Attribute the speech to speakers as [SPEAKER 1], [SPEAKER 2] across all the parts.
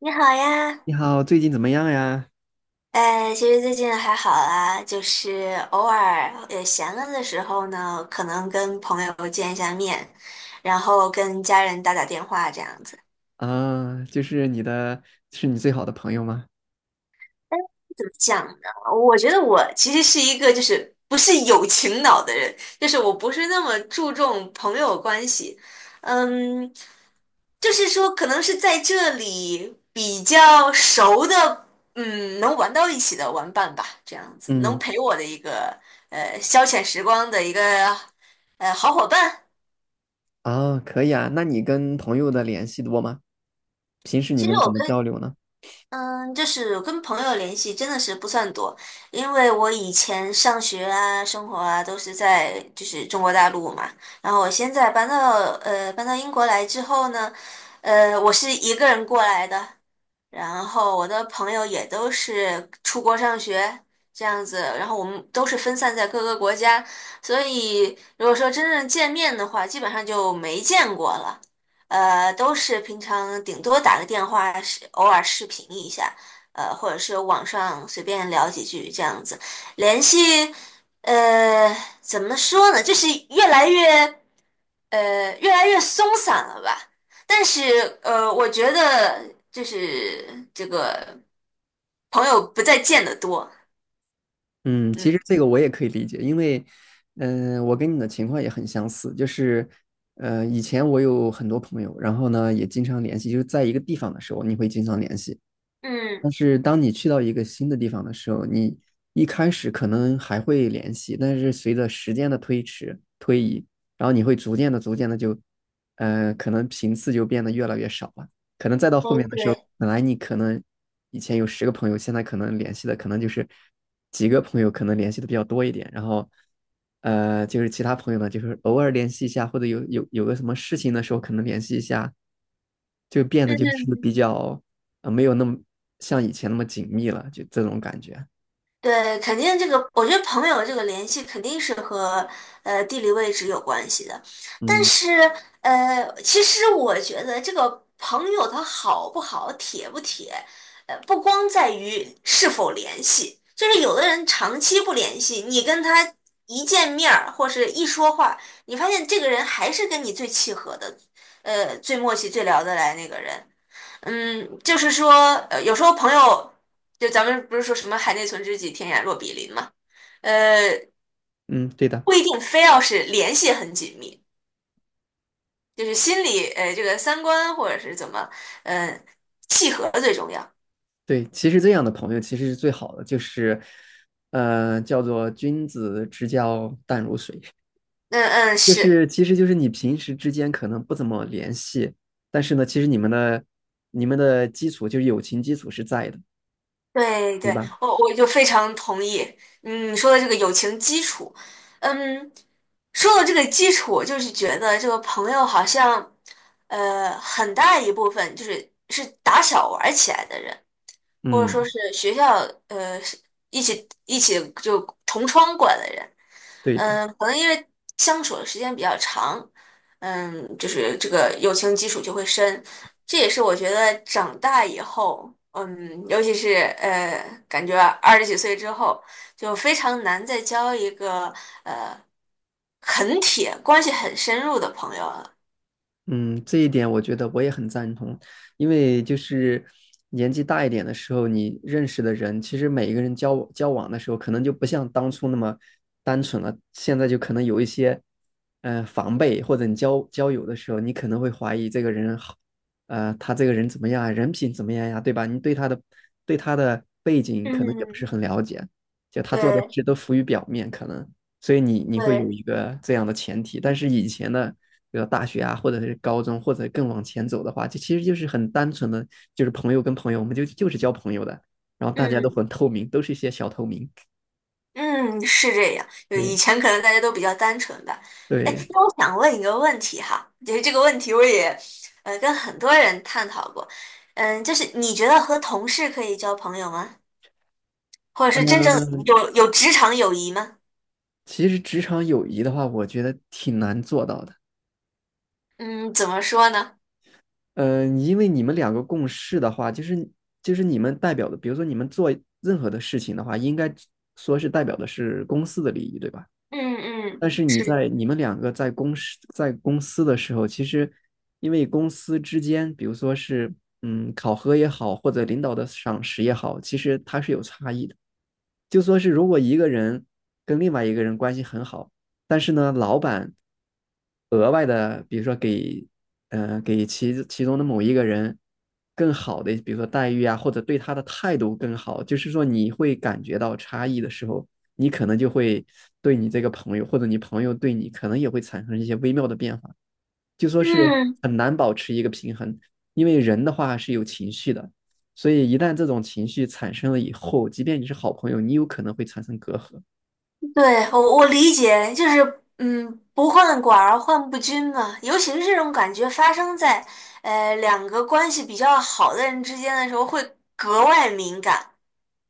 [SPEAKER 1] 你好呀。
[SPEAKER 2] 你好，最近怎么样呀？
[SPEAKER 1] 哎，其实最近还好啦，就是偶尔也闲了的时候呢，可能跟朋友见一下面，然后跟家人打打电话这样子。
[SPEAKER 2] 啊，就是你的，是你最好的朋友吗？
[SPEAKER 1] 怎么讲呢？我觉得我其实是一个就是不是友情脑的人，就是我不是那么注重朋友关系，嗯，就是说可能是在这里比较熟的，嗯，能玩到一起的玩伴吧，这样子能
[SPEAKER 2] 嗯，
[SPEAKER 1] 陪我的一个消遣时光的一个好伙伴。
[SPEAKER 2] 啊，可以啊。那你跟朋友的联系多吗？平时你
[SPEAKER 1] 其实
[SPEAKER 2] 们
[SPEAKER 1] 我
[SPEAKER 2] 怎么
[SPEAKER 1] 可以，
[SPEAKER 2] 交流呢？
[SPEAKER 1] 嗯，就是跟朋友联系真的是不算多，因为我以前上学啊、生活啊都是在就是中国大陆嘛，然后我现在搬到英国来之后呢，我是一个人过来的，然后我的朋友也都是出国上学这样子，然后我们都是分散在各个国家，所以如果说真正见面的话，基本上就没见过了。都是平常顶多打个电话，是偶尔视频一下，或者是网上随便聊几句这样子，联系，呃，怎么说呢，就是越来越。越来越松散了吧。但是我觉得就是这个朋友不再见得多。
[SPEAKER 2] 嗯，其
[SPEAKER 1] 嗯
[SPEAKER 2] 实这个我也可以理解，因为，我跟你的情况也很相似，就是，以前我有很多朋友，然后呢也经常联系，就是在一个地方的时候，你会经常联系。
[SPEAKER 1] 嗯，
[SPEAKER 2] 但是当你去到一个新的地方的时候，你一开始可能还会联系，但是随着时间的推移，然后你会逐渐的就，可能频次就变得越来越少了。可能再到后面
[SPEAKER 1] 对
[SPEAKER 2] 的时候，
[SPEAKER 1] 对。
[SPEAKER 2] 本来你可能以前有十个朋友，现在可能联系的可能就是几个朋友，可能联系的比较多一点。然后，就是其他朋友呢，就是偶尔联系一下，或者有个什么事情的时候，可能联系一下，就变得就是
[SPEAKER 1] 嗯。
[SPEAKER 2] 比较。没有那么像以前那么紧密了，就这种感觉。
[SPEAKER 1] 对，肯定这个，我觉得朋友这个联系肯定是和地理位置有关系的，但
[SPEAKER 2] 嗯
[SPEAKER 1] 是其实我觉得这个朋友他好不好、铁不铁，不光在于是否联系，就是有的人长期不联系，你跟他一见面儿或是一说话，你发现这个人还是跟你最契合的，最默契、最聊得来那个人。嗯，就是说，有时候朋友，就咱们不是说什么“海内存知己，天涯若比邻”嘛，呃，
[SPEAKER 2] 嗯，对的，
[SPEAKER 1] 不一定非要是联系很紧密，就是心里，这个三观或者是怎么，嗯、契合最重要。
[SPEAKER 2] 对，其实这样的朋友其实是最好的，就是叫做君子之交淡如水，
[SPEAKER 1] 嗯嗯，
[SPEAKER 2] 就
[SPEAKER 1] 是，
[SPEAKER 2] 是其实就是你平时之间可能不怎么联系，但是呢，其实你们的基础就是友情基础是在的，
[SPEAKER 1] 对
[SPEAKER 2] 对
[SPEAKER 1] 对，
[SPEAKER 2] 吧？
[SPEAKER 1] 我就非常同意。嗯，你说的这个友情基础，嗯，说到这个基础，我就是觉得这个朋友好像，很大一部分就是是打小玩儿起来的人。或者说
[SPEAKER 2] 嗯，
[SPEAKER 1] 是学校是一起就同窗过来的人，
[SPEAKER 2] 对的。
[SPEAKER 1] 嗯，可能因为相处的时间比较长，嗯，就是这个友情基础就会深，这也是我觉得长大以后，嗯，尤其是感觉二十几岁之后，就非常难再交一个很铁、关系很深入的朋友了。
[SPEAKER 2] 嗯，这一点我觉得我也很赞同，因为就是年纪大一点的时候，你认识的人，其实每一个人交往的时候，可能就不像当初那么单纯了，现在就可能有一些，防备，或者你交友的时候，你可能会怀疑这个人好，他这个人怎么样啊，人品怎么样呀，对吧？你对他的背景可能也不是
[SPEAKER 1] 嗯，
[SPEAKER 2] 很了解，就他做的
[SPEAKER 1] 对
[SPEAKER 2] 事都浮于表面，可能。所以你会有
[SPEAKER 1] 对，
[SPEAKER 2] 一个这样的前提，但是以前的比如大学啊，或者是高中，或者更往前走的话，就其实就是很单纯的，就是朋友跟朋友，我们就是交朋友的，然后大家都
[SPEAKER 1] 嗯。
[SPEAKER 2] 很透明，都是一些小透明。
[SPEAKER 1] 嗯，是这样。就
[SPEAKER 2] 对
[SPEAKER 1] 以前可能大家都比较单纯吧。哎，
[SPEAKER 2] 对，
[SPEAKER 1] 那我想问一个问题哈，就是这个问题我也跟很多人探讨过。嗯，就是你觉得和同事可以交朋友吗？或者是真正
[SPEAKER 2] 嗯，
[SPEAKER 1] 有职场友谊吗？
[SPEAKER 2] 其实职场友谊的话，我觉得挺难做到的。
[SPEAKER 1] 嗯，怎么说呢？
[SPEAKER 2] 嗯，因为你们两个共事的话，就是你们代表的，比如说你们做任何的事情的话，应该说是代表的是公司的利益，对吧？
[SPEAKER 1] 嗯嗯，
[SPEAKER 2] 但是
[SPEAKER 1] 是的。
[SPEAKER 2] 你们两个在公司的时候，其实因为公司之间，比如说是考核也好，或者领导的赏识也好，其实它是有差异的。就说是如果一个人跟另外一个人关系很好，但是呢，老板额外的，比如说给，给其中的某一个人更好的，比如说待遇啊，或者对他的态度更好，就是说你会感觉到差异的时候，你可能就会对你这个朋友，或者你朋友对你，可能也会产生一些微妙的变化，就说是
[SPEAKER 1] 嗯。
[SPEAKER 2] 很难保持一个平衡，因为人的话是有情绪的，所以一旦这种情绪产生了以后，即便你是好朋友，你有可能会产生隔阂。
[SPEAKER 1] 对，我理解，就是嗯，不患寡而患不均嘛。尤其是这种感觉发生在两个关系比较好的人之间的时候，会格外敏感，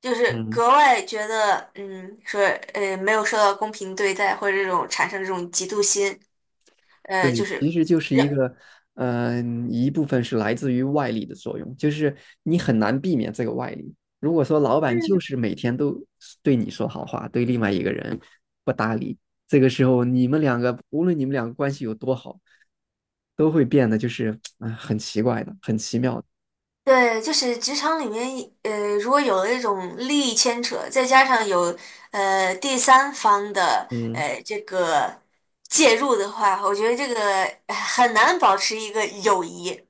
[SPEAKER 1] 就是
[SPEAKER 2] 嗯，
[SPEAKER 1] 格外觉得嗯，说没有受到公平对待，或者这种产生这种嫉妒心，
[SPEAKER 2] 对，
[SPEAKER 1] 就
[SPEAKER 2] 其
[SPEAKER 1] 是
[SPEAKER 2] 实就是
[SPEAKER 1] 让。
[SPEAKER 2] 一个，一部分是来自于外力的作用，就是你很难避免这个外力。如果说老板就是每天都对你说好话，对另外一个人不搭理，这个时候你们两个，无论你们两个关系有多好，都会变得就是很奇怪的，很奇妙的。
[SPEAKER 1] 对，就是职场里面，如果有了一种利益牵扯，再加上有第三方的
[SPEAKER 2] 嗯，
[SPEAKER 1] 这个介入的话，我觉得这个很难保持一个友谊，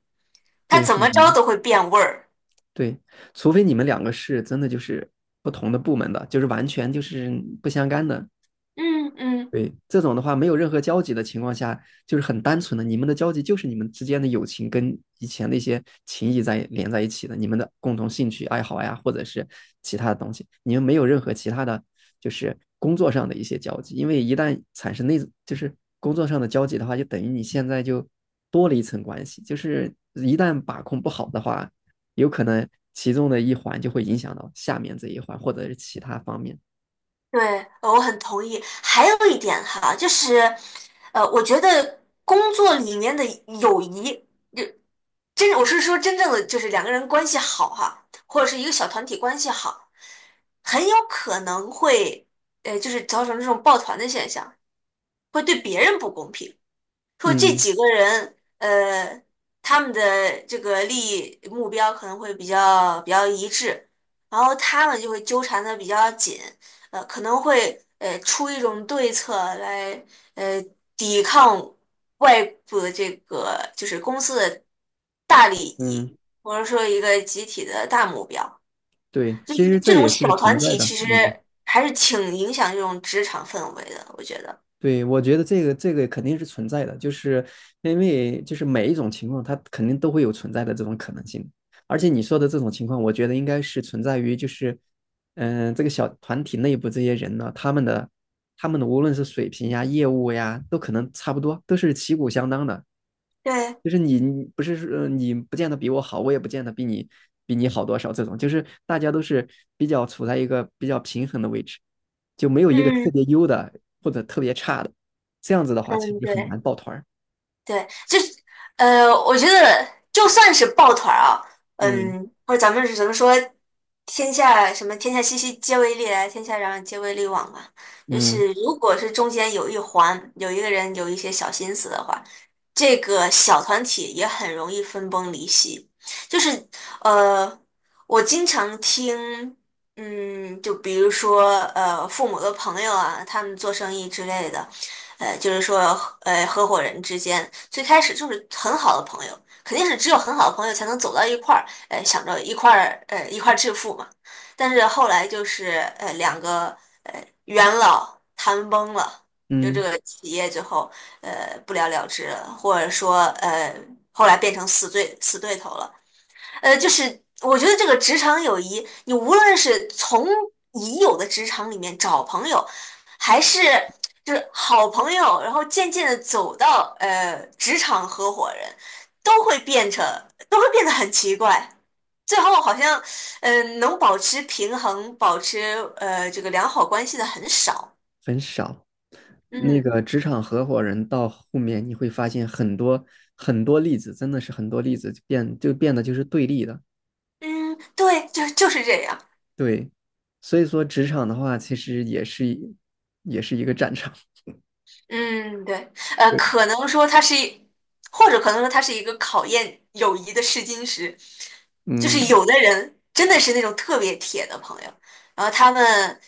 [SPEAKER 1] 它
[SPEAKER 2] 对，
[SPEAKER 1] 怎
[SPEAKER 2] 很
[SPEAKER 1] 么着
[SPEAKER 2] 难，
[SPEAKER 1] 都会变味儿。
[SPEAKER 2] 对，除非你们两个是真的就是不同的部门的，就是完全就是不相干的。
[SPEAKER 1] 嗯嗯，
[SPEAKER 2] 对，这种的话没有任何交集的情况下，就是很单纯的，你们的交集就是你们之间的友情跟以前那些情谊在连在一起的，你们的共同兴趣爱好呀，或者是其他的东西，你们没有任何其他的，就是工作上的一些交集，因为一旦产生那，就是工作上的交集的话，就等于你现在就多了一层关系，就是一旦把控不好的话，有可能其中的一环就会影响到下面这一环，或者是其他方面。
[SPEAKER 1] 对，我很同意。还有一点哈，就是我觉得工作里面的友谊。我是说真正的就是两个人关系好哈，或者是一个小团体关系好，很有可能会就是造成这种抱团的现象，会对别人不公平。说这
[SPEAKER 2] 嗯
[SPEAKER 1] 几个人，呃，他们的这个利益目标可能会比较一致，然后他们就会纠缠的比较紧，可能会出一种对策来呃抵抗外部的这个就是公司的大利益，
[SPEAKER 2] 嗯。
[SPEAKER 1] 或者说一个集体的大目标，
[SPEAKER 2] 对，
[SPEAKER 1] 就
[SPEAKER 2] 其
[SPEAKER 1] 是
[SPEAKER 2] 实
[SPEAKER 1] 这
[SPEAKER 2] 这
[SPEAKER 1] 种
[SPEAKER 2] 也是
[SPEAKER 1] 小团
[SPEAKER 2] 存在
[SPEAKER 1] 体
[SPEAKER 2] 的，
[SPEAKER 1] 其实
[SPEAKER 2] 嗯，
[SPEAKER 1] 还是挺影响这种职场氛围的，我觉得。
[SPEAKER 2] 对，我觉得这个肯定是存在的，就是因为就是每一种情况，它肯定都会有存在的这种可能性，而且你说的这种情况，我觉得应该是存在于就是，这个小团体内部这些人呢，他们的无论是水平呀、业务呀，都可能差不多，都是旗鼓相当的，
[SPEAKER 1] 对，
[SPEAKER 2] 就是你不是说你不见得比我好，我也不见得比你好多少，这种就是大家都是比较处在一个比较平衡的位置，就没有一个特
[SPEAKER 1] 嗯
[SPEAKER 2] 别优的或者特别差的，这样子的话其
[SPEAKER 1] 嗯，
[SPEAKER 2] 实很
[SPEAKER 1] 对。
[SPEAKER 2] 难抱团儿。
[SPEAKER 1] 对，就是我觉得就算是抱团儿啊，
[SPEAKER 2] 嗯
[SPEAKER 1] 嗯，或者咱们是怎么说，天下熙熙皆为利来，天下攘攘皆为利往嘛。就
[SPEAKER 2] 嗯
[SPEAKER 1] 是如果是中间有一环有一个人有一些小心思的话，这个小团体也很容易分崩离析。就是呃，我经常听。嗯，就比如说，呃，父母的朋友啊，他们做生意之类的，呃，就是说，合伙人之间最开始就是很好的朋友，肯定是只有很好的朋友才能走到一块儿，想着一块儿，一块儿致富嘛。但是后来就是，呃，两个元老谈崩了，就这
[SPEAKER 2] 嗯，
[SPEAKER 1] 个企业最后，不了了之了，或者说，后来变成死对头了。就是我觉得这个职场友谊，你无论是从已有的职场里面找朋友，还是就是好朋友，然后渐渐的走到职场合伙人，都会变成都会变得很奇怪。最后好像，嗯、呃，能保持平衡、保持这个良好关系的很少。
[SPEAKER 2] 很少。那
[SPEAKER 1] 嗯
[SPEAKER 2] 个职场合伙人到后面你会发现很多很多例子，真的是很多例子就变得就是对立的，
[SPEAKER 1] 嗯，对，就就是这样。
[SPEAKER 2] 对。所以说职场的话，其实也是一也是一个战场。
[SPEAKER 1] 嗯，对，
[SPEAKER 2] 对，
[SPEAKER 1] 可能说它是一，或者可能说它是一个考验友谊的试金石，就是
[SPEAKER 2] 嗯。
[SPEAKER 1] 有的人真的是那种特别铁的朋友，然后他们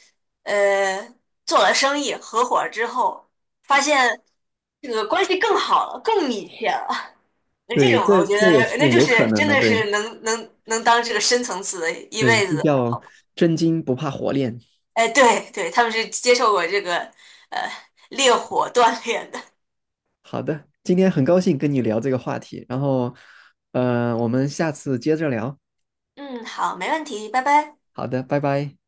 [SPEAKER 1] 呃做了生意合伙儿之后，发现这个关系更好了，更密切了。那这
[SPEAKER 2] 对，
[SPEAKER 1] 种
[SPEAKER 2] 这
[SPEAKER 1] 我觉
[SPEAKER 2] 这
[SPEAKER 1] 得
[SPEAKER 2] 也
[SPEAKER 1] 那
[SPEAKER 2] 是
[SPEAKER 1] 就
[SPEAKER 2] 有可
[SPEAKER 1] 是
[SPEAKER 2] 能
[SPEAKER 1] 真
[SPEAKER 2] 的，
[SPEAKER 1] 的
[SPEAKER 2] 对
[SPEAKER 1] 是能当这个深层次的一
[SPEAKER 2] 对，
[SPEAKER 1] 辈子
[SPEAKER 2] 这
[SPEAKER 1] 的。
[SPEAKER 2] 叫真金不怕火炼。
[SPEAKER 1] 哎，对对，他们是接受过这个呃烈火锻炼的。
[SPEAKER 2] 好的，今天很高兴跟你聊这个话题，然后，我们下次接着聊。
[SPEAKER 1] 嗯，好，没问题，拜拜。
[SPEAKER 2] 好的，拜拜。